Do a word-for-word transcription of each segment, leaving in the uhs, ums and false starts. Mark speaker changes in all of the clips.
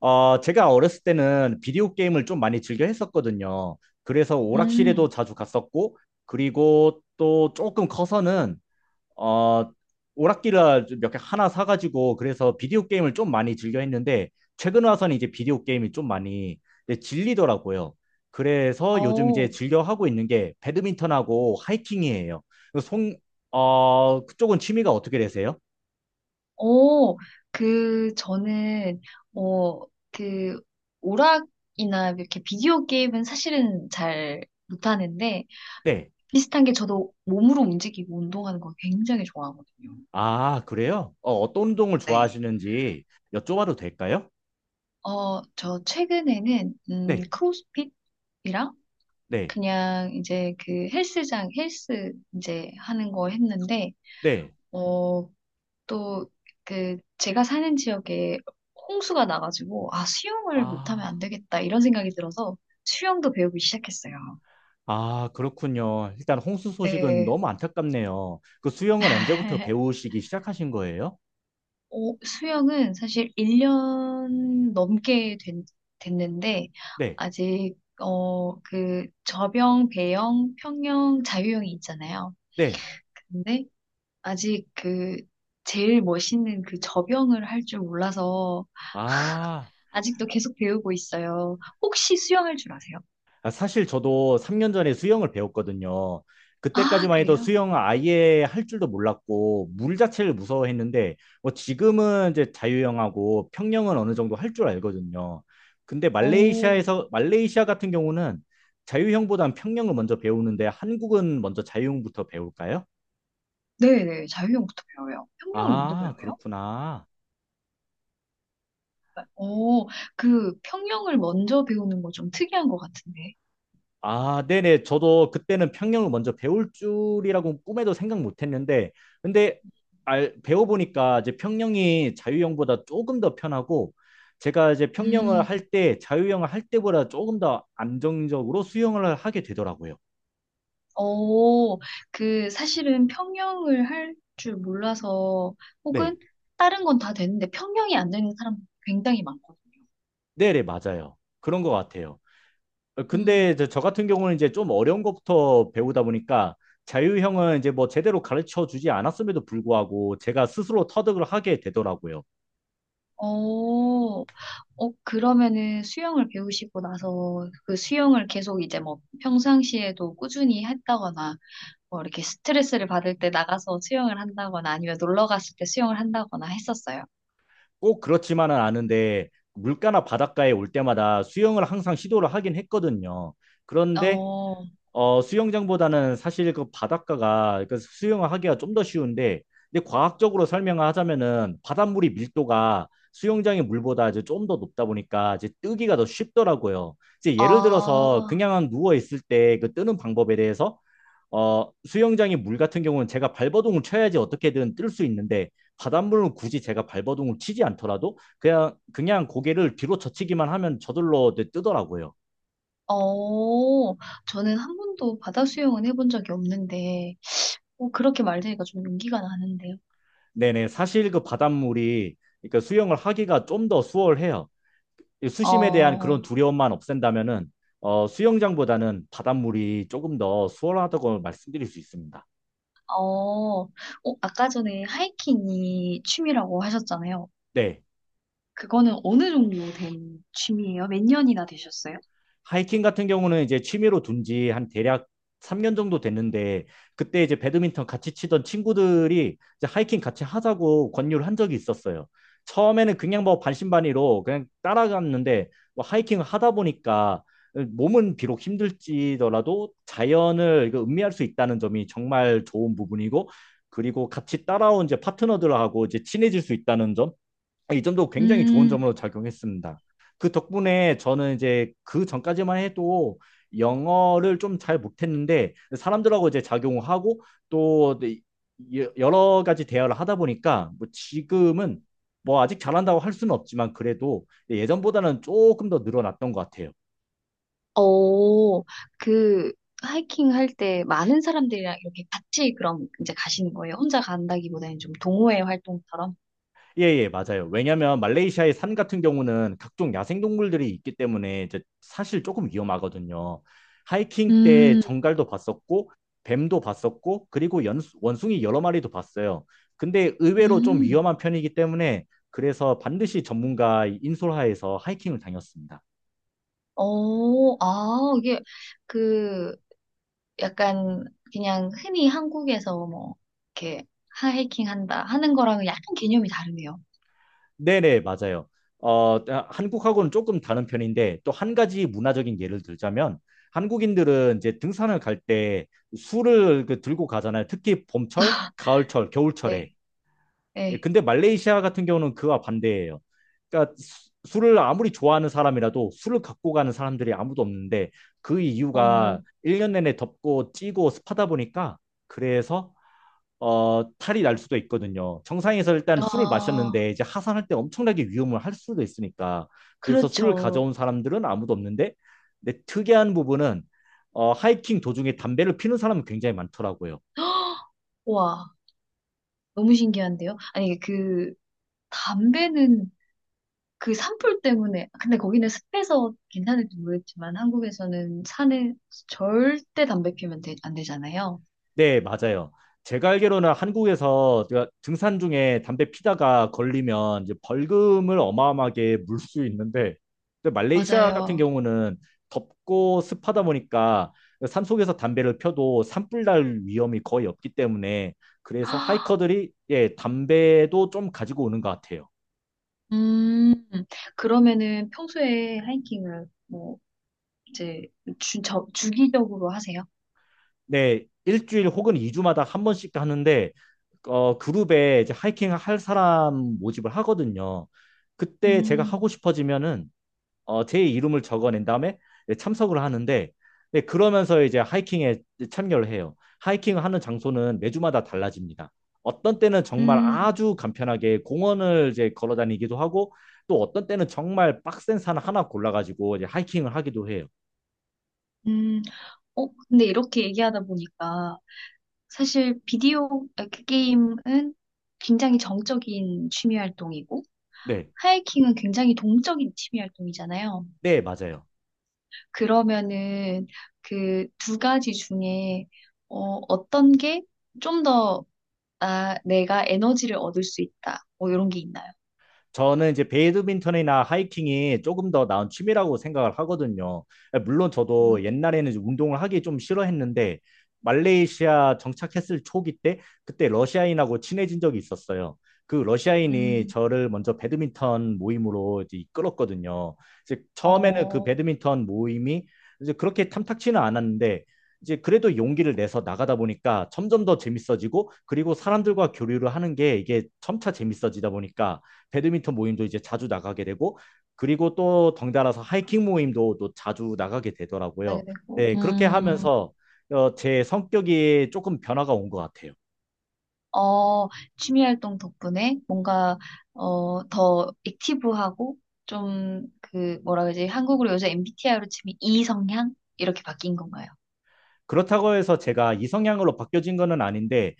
Speaker 1: 어, 제가 어렸을 때는 비디오 게임을 좀 많이 즐겨 했었거든요. 그래서 오락실에도
Speaker 2: 음,
Speaker 1: 자주 갔었고, 그리고 또 조금 커서는, 어, 오락기를 몇 개 하나 사가지고, 그래서 비디오 게임을 좀 많이 즐겨 했는데, 최근 와서는 이제 비디오 게임이 좀 많이 이제 질리더라고요. 그래서 요즘 이제
Speaker 2: 어,
Speaker 1: 즐겨 하고 있는 게 배드민턴하고 하이킹이에요. 송, 어, 그쪽은 취미가 어떻게 되세요?
Speaker 2: 어, 그, 저는 어, 그, 오락이나 이렇게 비디오 게임은 사실은 잘 못하는데,
Speaker 1: 네.
Speaker 2: 비슷한 게 저도 몸으로 움직이고 운동하는 걸 굉장히 좋아하거든요.
Speaker 1: 아, 그래요? 어, 어떤 운동을
Speaker 2: 네.
Speaker 1: 좋아하시는지 여쭤봐도 될까요?
Speaker 2: 어, 저 최근에는 음,
Speaker 1: 네,
Speaker 2: 크로스핏이랑
Speaker 1: 네,
Speaker 2: 그냥 이제 그 헬스장, 헬스 이제 하는 거 했는데,
Speaker 1: 네.
Speaker 2: 어, 또 그 제가 사는 지역에 홍수가 나가지고, 아, 수영을 못하면 안
Speaker 1: 아,
Speaker 2: 되겠다 이런 생각이 들어서 수영도 배우기 시작했어요.
Speaker 1: 아, 그렇군요. 일단 홍수 소식은
Speaker 2: 네.
Speaker 1: 너무 안타깝네요. 그 수영은 언제부터 배우시기 시작하신 거예요?
Speaker 2: 어, 수영은 사실 일 년 넘게 된, 됐는데
Speaker 1: 네,
Speaker 2: 아직 어, 그 저병, 배영, 평영, 자유형이 있잖아요.
Speaker 1: 네.
Speaker 2: 근데 아직 그 제일 멋있는 그 저병을 할 줄 몰라서
Speaker 1: 아,
Speaker 2: 아직도 계속 배우고 있어요. 혹시 수영할 줄 아세요?
Speaker 1: 아, 사실 저도 삼 년 전에 수영을 배웠거든요.
Speaker 2: 아,
Speaker 1: 그때까지만 해도
Speaker 2: 그래요?
Speaker 1: 수영 아예 할 줄도 몰랐고 물 자체를 무서워했는데 뭐 지금은 이제 자유형하고 평영은 어느 정도 할 줄 알거든요. 근데
Speaker 2: 오,
Speaker 1: 말레이시아에서 말레이시아 같은 경우는 자유형보단 평영을 먼저 배우는데 한국은 먼저 자유형부터 배울까요?
Speaker 2: 네네. 자유형부터 배워요. 평형을 먼저
Speaker 1: 아,
Speaker 2: 배워요?
Speaker 1: 그렇구나.
Speaker 2: 오, 그 평형을 먼저 배우는 거 좀 특이한 것 같은데.
Speaker 1: 아, 네네. 저도 그때는 평영을 먼저 배울 줄이라고 꿈에도 생각 못 했는데, 근데 알, 배워보니까 이제 평영이 자유형보다 조금 더 편하고, 제가 이제 평영을
Speaker 2: 음.
Speaker 1: 할 때, 자유형을 할 때보다 조금 더 안정적으로 수영을 하게 되더라고요.
Speaker 2: 오. 그 사실은 평형을 할 줄 몰라서, 혹은
Speaker 1: 네.
Speaker 2: 다른 건 다 되는데 평형이 안 되는 사람 굉장히 많거든요.
Speaker 1: 네네, 맞아요. 그런 것 같아요. 어,
Speaker 2: 음.
Speaker 1: 근데 이제 저 같은 경우는 이제 좀 어려운 것부터 배우다 보니까, 자유형은 이제 뭐 제대로 가르쳐 주지 않았음에도 불구하고, 제가 스스로 터득을 하게 되더라고요.
Speaker 2: 오. 어, 그러면은 수영을 배우시고 나서 그 수영을 계속 이제 뭐 평상시에도 꾸준히 했다거나, 뭐 이렇게 스트레스를 받을 때 나가서 수영을 한다거나 아니면 놀러 갔을 때 수영을 한다거나 했었어요.
Speaker 1: 꼭 그렇지만은 않은데 물가나 바닷가에 올 때마다 수영을 항상 시도를 하긴 했거든요. 그런데
Speaker 2: 어,
Speaker 1: 어, 수영장보다는 사실 그 바닷가가 그 수영을 하기가 좀 더 쉬운데 근데 과학적으로 설명을 하자면은 바닷물이 밀도가 수영장의 물보다 이제 좀 더 높다 보니까 이제 뜨기가 더 쉽더라고요. 이제 예를
Speaker 2: 아,
Speaker 1: 들어서 그냥 누워 있을 때 그 뜨는 방법에 대해서 어, 수영장의 물 같은 경우는 제가 발버둥을 쳐야지 어떻게든 뜰 수 있는데 바닷물은 굳이 제가 발버둥을 치지 않더라도 그냥 그냥 고개를 뒤로 젖히기만 하면 저절로, 네, 뜨더라고요.
Speaker 2: 어, 저는 한 번도 바다 수영은 해본 적이 없는데, 어, 그렇게 말되니까 좀 용기가 나는데요.
Speaker 1: 네네, 사실 그 바닷물이 그러니까 수영을 하기가 좀 더 수월해요. 이 수심에 대한 그런
Speaker 2: 어,
Speaker 1: 두려움만 없앤다면은 어, 수영장보다는 바닷물이 조금 더 수월하다고 말씀드릴 수 있습니다.
Speaker 2: 어, 어, 아까 전에 하이킹이 취미라고 하셨잖아요.
Speaker 1: 네.
Speaker 2: 그거는 어느 정도 된 취미예요? 몇 년이나 되셨어요?
Speaker 1: 하이킹 같은 경우는 이제 취미로 둔지 한 대략 삼 년 정도 됐는데 그때 이제 배드민턴 같이 치던 친구들이 이제 하이킹 같이 하자고 권유를 한 적이 있었어요. 처음에는 그냥 뭐 반신반의로 그냥 따라갔는데 뭐 하이킹을 하다 보니까 몸은 비록 힘들지더라도 자연을 이거 음미할 수 있다는 점이 정말 좋은 부분이고 그리고 같이 따라온 이제 파트너들하고 이제 친해질 수 있다는 점, 아, 이 점도 굉장히 좋은
Speaker 2: 음
Speaker 1: 점으로 작용했습니다. 그 덕분에 저는 이제 그 전까지만 해도 영어를 좀 잘 못했는데 사람들하고 이제 작용하고 또 여- 러 가지 대화를 하다 보니까 뭐 지금은 뭐 아직 잘한다고 할 수는 없지만 그래도 예, 예전보다는 조금 더 늘어났던 것 같아요.
Speaker 2: 어, 그, 하이킹 할 때 많은 사람들이랑 이렇게 같이 그럼 이제 가시는 거예요? 혼자 간다기보다는 좀 동호회 활동처럼?
Speaker 1: 예, 예, 맞아요. 왜냐면 말레이시아의 산 같은 경우는 각종 야생동물들이 있기 때문에 이제 사실 조금 위험하거든요. 하이킹 때
Speaker 2: 음,
Speaker 1: 정갈도 봤었고, 뱀도 봤었고, 그리고 연, 원숭이 여러 마리도 봤어요. 근데 의외로 좀
Speaker 2: 음,
Speaker 1: 위험한 편이기 때문에 그래서 반드시 전문가 인솔하에서 하이킹을 다녔습니다.
Speaker 2: 어, 아, 이게 그 약간 그냥 흔히 한국에서 뭐 이렇게 하이킹 한다 하는 거랑은 약간 개념이 다르네요.
Speaker 1: 네네, 맞아요. 어, 아, 한국하고는 조금 다른 편인데 또 한 가지 문화적인 예를 들자면 한국인들은 이제 등산을 갈 때 술을 그 들고 가잖아요. 특히 봄철, 가을철, 겨울철에.
Speaker 2: 네,
Speaker 1: 예,
Speaker 2: 네,
Speaker 1: 근데 말레이시아 같은 경우는 그와 반대예요. 그러니까 수- 술을 아무리 좋아하는 사람이라도 술을 갖고 가는 사람들이 아무도 없는데 그
Speaker 2: 어,
Speaker 1: 이유가 일 년 내내 덥고 찌고 습하다 보니까 그래서 어, 탈이 날 수도 있거든요. 정상에서 일단 술을
Speaker 2: 아,
Speaker 1: 마셨는데 이제 하산할 때 엄청나게 위험을 할 수도 있으니까. 그래서 술을
Speaker 2: 그렇죠.
Speaker 1: 가져온 사람들은 아무도 없는데, 근데 특이한 부분은 어, 하이킹 도중에 담배를 피는 사람이 굉장히 많더라고요.
Speaker 2: 와, 너무 신기한데요? 아니, 그 담배는 그 산불 때문에, 근데 거기는 습해서 괜찮을지 모르겠지만 한국에서는 산에 절대 담배 피우면 되- 안 되잖아요.
Speaker 1: 네, 맞아요. 제가 알기로는 한국에서 제가 등산 중에 담배 피다가 걸리면 이제 벌금을 어마어마하게 물 수 있는데 근데 말레이시아 같은
Speaker 2: 맞아요.
Speaker 1: 경우는 덥고 습하다 보니까 산속에서 담배를 펴도 산불 날 위험이 거의 없기 때문에 그래서 하이커들이 예, 담배도 좀 가지고 오는 것 같아요.
Speaker 2: 음, 그러면은 평소에 하이킹을 뭐 이제 주, 저, 주기적으로 하세요?
Speaker 1: 네, 일주일 혹은 이주마다한 번씩 하는데 어, 그룹에 이제 하이킹 할 사람 모집을 하거든요. 그때 제가
Speaker 2: 음.
Speaker 1: 하고 싶어지면은 어, 제 이름을 적어낸 다음에 이제 참석을 하는데, 네, 그러면서 이제 하이킹에 참여를 해요. 하이킹을 하는 장소는 매주마다 달라집니다. 어떤 때는 정말
Speaker 2: 음.
Speaker 1: 아주 간편하게 공원을 이제 걸어 다니기도 하고 또 어떤 때는 정말 빡센 산 하나 골라가지고 이제 하이킹을 하기도 해요.
Speaker 2: 음. 어, 근데 이렇게 얘기하다 보니까 사실 비디오 아, 그 게임은 굉장히 정적인 취미 활동이고,
Speaker 1: 네,
Speaker 2: 하이킹은 굉장히 동적인 취미 활동이잖아요.
Speaker 1: 네, 맞아요.
Speaker 2: 그러면은 그 두 가지 중에 어, 어떤 게 좀 더, 나, 내가 에너지를 얻을 수 있다, 뭐 이런 게 있나요?
Speaker 1: 저는 이제 배드민턴이나 하이킹이 조금 더 나은 취미라고 생각을 하거든요. 물론
Speaker 2: 음,
Speaker 1: 저도 옛날에는 이제 운동을 하기 좀 싫어했는데 말레이시아 정착했을 초기 때 그때 러시아인하고 친해진 적이 있었어요. 그 러시아인이
Speaker 2: 음,
Speaker 1: 저를 먼저 배드민턴 모임으로 이제 이끌었거든요. 이제 처음에는 그
Speaker 2: 어,
Speaker 1: 배드민턴 모임이 이제 그렇게 탐탁치는 않았는데 이제 그래도 용기를 내서 나가다 보니까 점점 더 재밌어지고 그리고 사람들과 교류를 하는 게 이게 점차 재밌어지다 보니까 배드민턴 모임도 이제 자주 나가게 되고 그리고 또 덩달아서 하이킹 모임도 또 자주 나가게
Speaker 2: 하게
Speaker 1: 되더라고요.
Speaker 2: 되고.
Speaker 1: 네, 그렇게
Speaker 2: 음,
Speaker 1: 하면서 어, 제 성격이 조금 변화가 온 것 같아요.
Speaker 2: 어, 취미 활동 덕분에 뭔가 어, 더 액티브하고 좀 그 뭐라 그러지? 한국으로 요새 엠비티아이로 치면 이성향 이렇게 바뀐 건가요?
Speaker 1: 그렇다고 해서 제가 이성향으로 바뀌어진 거는 아닌데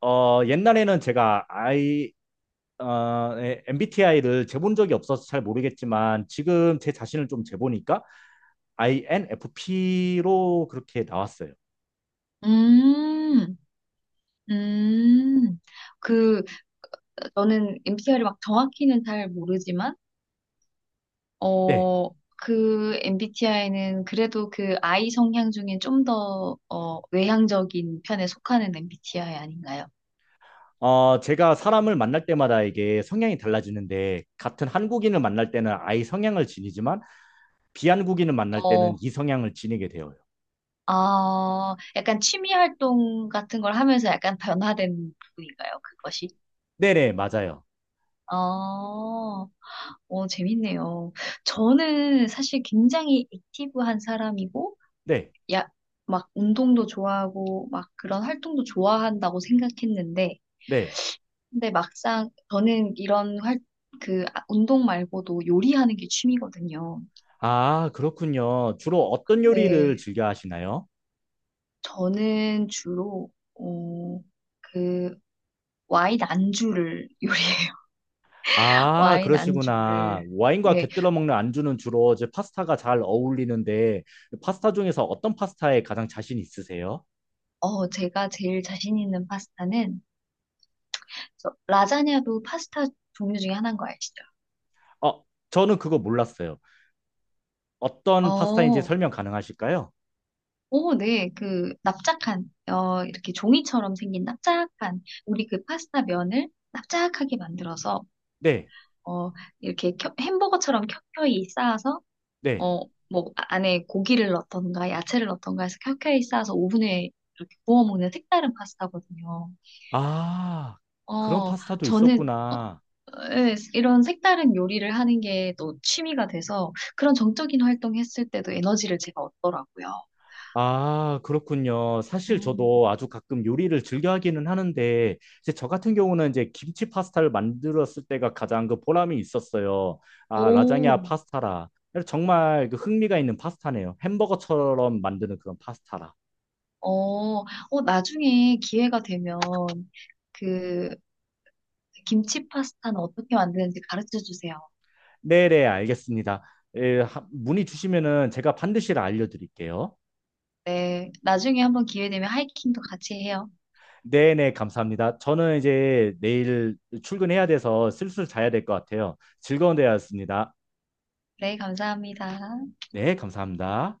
Speaker 1: 어, 옛날에는 제가 아이, 어, 엠비티아이를 재본 적이 없어서 잘 모르겠지만 지금 제 자신을 좀 재보니까 아이엔에프피로 그렇게 나왔어요.
Speaker 2: 음, 음, 그 너는 엠비티아이를 막 정확히는 잘 모르지만,
Speaker 1: 네,
Speaker 2: 어, 그 엠비티아이는 그래도 그 I 성향 중에 좀 더, 어, 외향적인 편에 속하는 엠비티아이 아닌가요?
Speaker 1: 어, 제가 사람을 만날 때마다 이게 성향이 달라지는데, 같은 한국인을 만날 때는 아이 성향을 지니지만, 비한국인을 만날
Speaker 2: 어,
Speaker 1: 때는 이 성향을 지니게 되어요.
Speaker 2: 아, 약간 취미 활동 같은 걸 하면서 약간 변화된 부분인가요? 그것이?
Speaker 1: 네네, 맞아요.
Speaker 2: 어, 어, 재밌네요. 저는 사실 굉장히 액티브한 사람이고,
Speaker 1: 네,
Speaker 2: 야, 막 운동도 좋아하고, 막 그런 활동도 좋아한다고 생각했는데,
Speaker 1: 네.
Speaker 2: 근데 막상 저는 이런 활, 그 아- 운동 말고도 요리하는 게 취미거든요.
Speaker 1: 아, 그렇군요. 주로 어떤
Speaker 2: 네,
Speaker 1: 요리를 즐겨 하시나요?
Speaker 2: 저는 주로 어, 그 와인 안주를 요리해요.
Speaker 1: 아,
Speaker 2: 와인
Speaker 1: 그러시구나.
Speaker 2: 안주를
Speaker 1: 와인과
Speaker 2: 네.
Speaker 1: 곁들여 먹는 안주는 주로 이제 파스타가 잘 어울리는데, 파스타 중에서 어떤 파스타에 가장 자신 있으세요?
Speaker 2: 어 제가 제일 자신 있는 파스타는, 저, 라자냐도 파스타 종류 중에 하나인 거 아시죠?
Speaker 1: 어, 저는 그거 몰랐어요. 어떤 파스타인지
Speaker 2: 어,
Speaker 1: 설명 가능하실까요?
Speaker 2: 오, 네, 그 납작한, 어 이렇게 종이처럼 생긴 납작한 우리 그 파스타 면을 납작하게 만들어서,
Speaker 1: 네,
Speaker 2: 어, 이렇게 켜- 햄버거처럼 켜켜이 쌓아서,
Speaker 1: 네.
Speaker 2: 어, 뭐, 아- 안에 고기를 넣던가 야채를 넣던가 해서 켜켜이 쌓아서 오븐에 이렇게 구워 먹는 색다른 파스타거든요.
Speaker 1: 아, 그런
Speaker 2: 어,
Speaker 1: 파스타도
Speaker 2: 저는, 어,
Speaker 1: 있었구나.
Speaker 2: 예, 이런 색다른 요리를 하는 게 또 취미가 돼서 그런 정적인 활동 했을 때도 에너지를 제가 얻더라고요.
Speaker 1: 아, 그렇군요. 사실
Speaker 2: 음.
Speaker 1: 저도 아주 가끔 요리를 즐겨 하기는 하는데, 이제 저 같은 경우는 이제 김치 파스타를 만들었을 때가 가장 그 보람이 있었어요. 아, 라자냐
Speaker 2: 오,
Speaker 1: 파스타라. 정말 그 흥미가 있는 파스타네요. 햄버거처럼 만드는 그런 파스타라.
Speaker 2: 어, 어, 나중에 기회가 되면 그 김치 파스타는 어떻게 만드는지 가르쳐 주세요.
Speaker 1: 네네, 알겠습니다. 예, 하- 문의 주시면은 제가 반드시 알려드릴게요.
Speaker 2: 네, 나중에 한번 기회 되면 하이킹도 같이 해요.
Speaker 1: 네네, 감사합니다. 저는 이제 내일 출근해야 돼서 슬슬 자야 될 것 같아요. 즐거운 대화였습니다.
Speaker 2: 네, 감사합니다.
Speaker 1: 네, 감사합니다.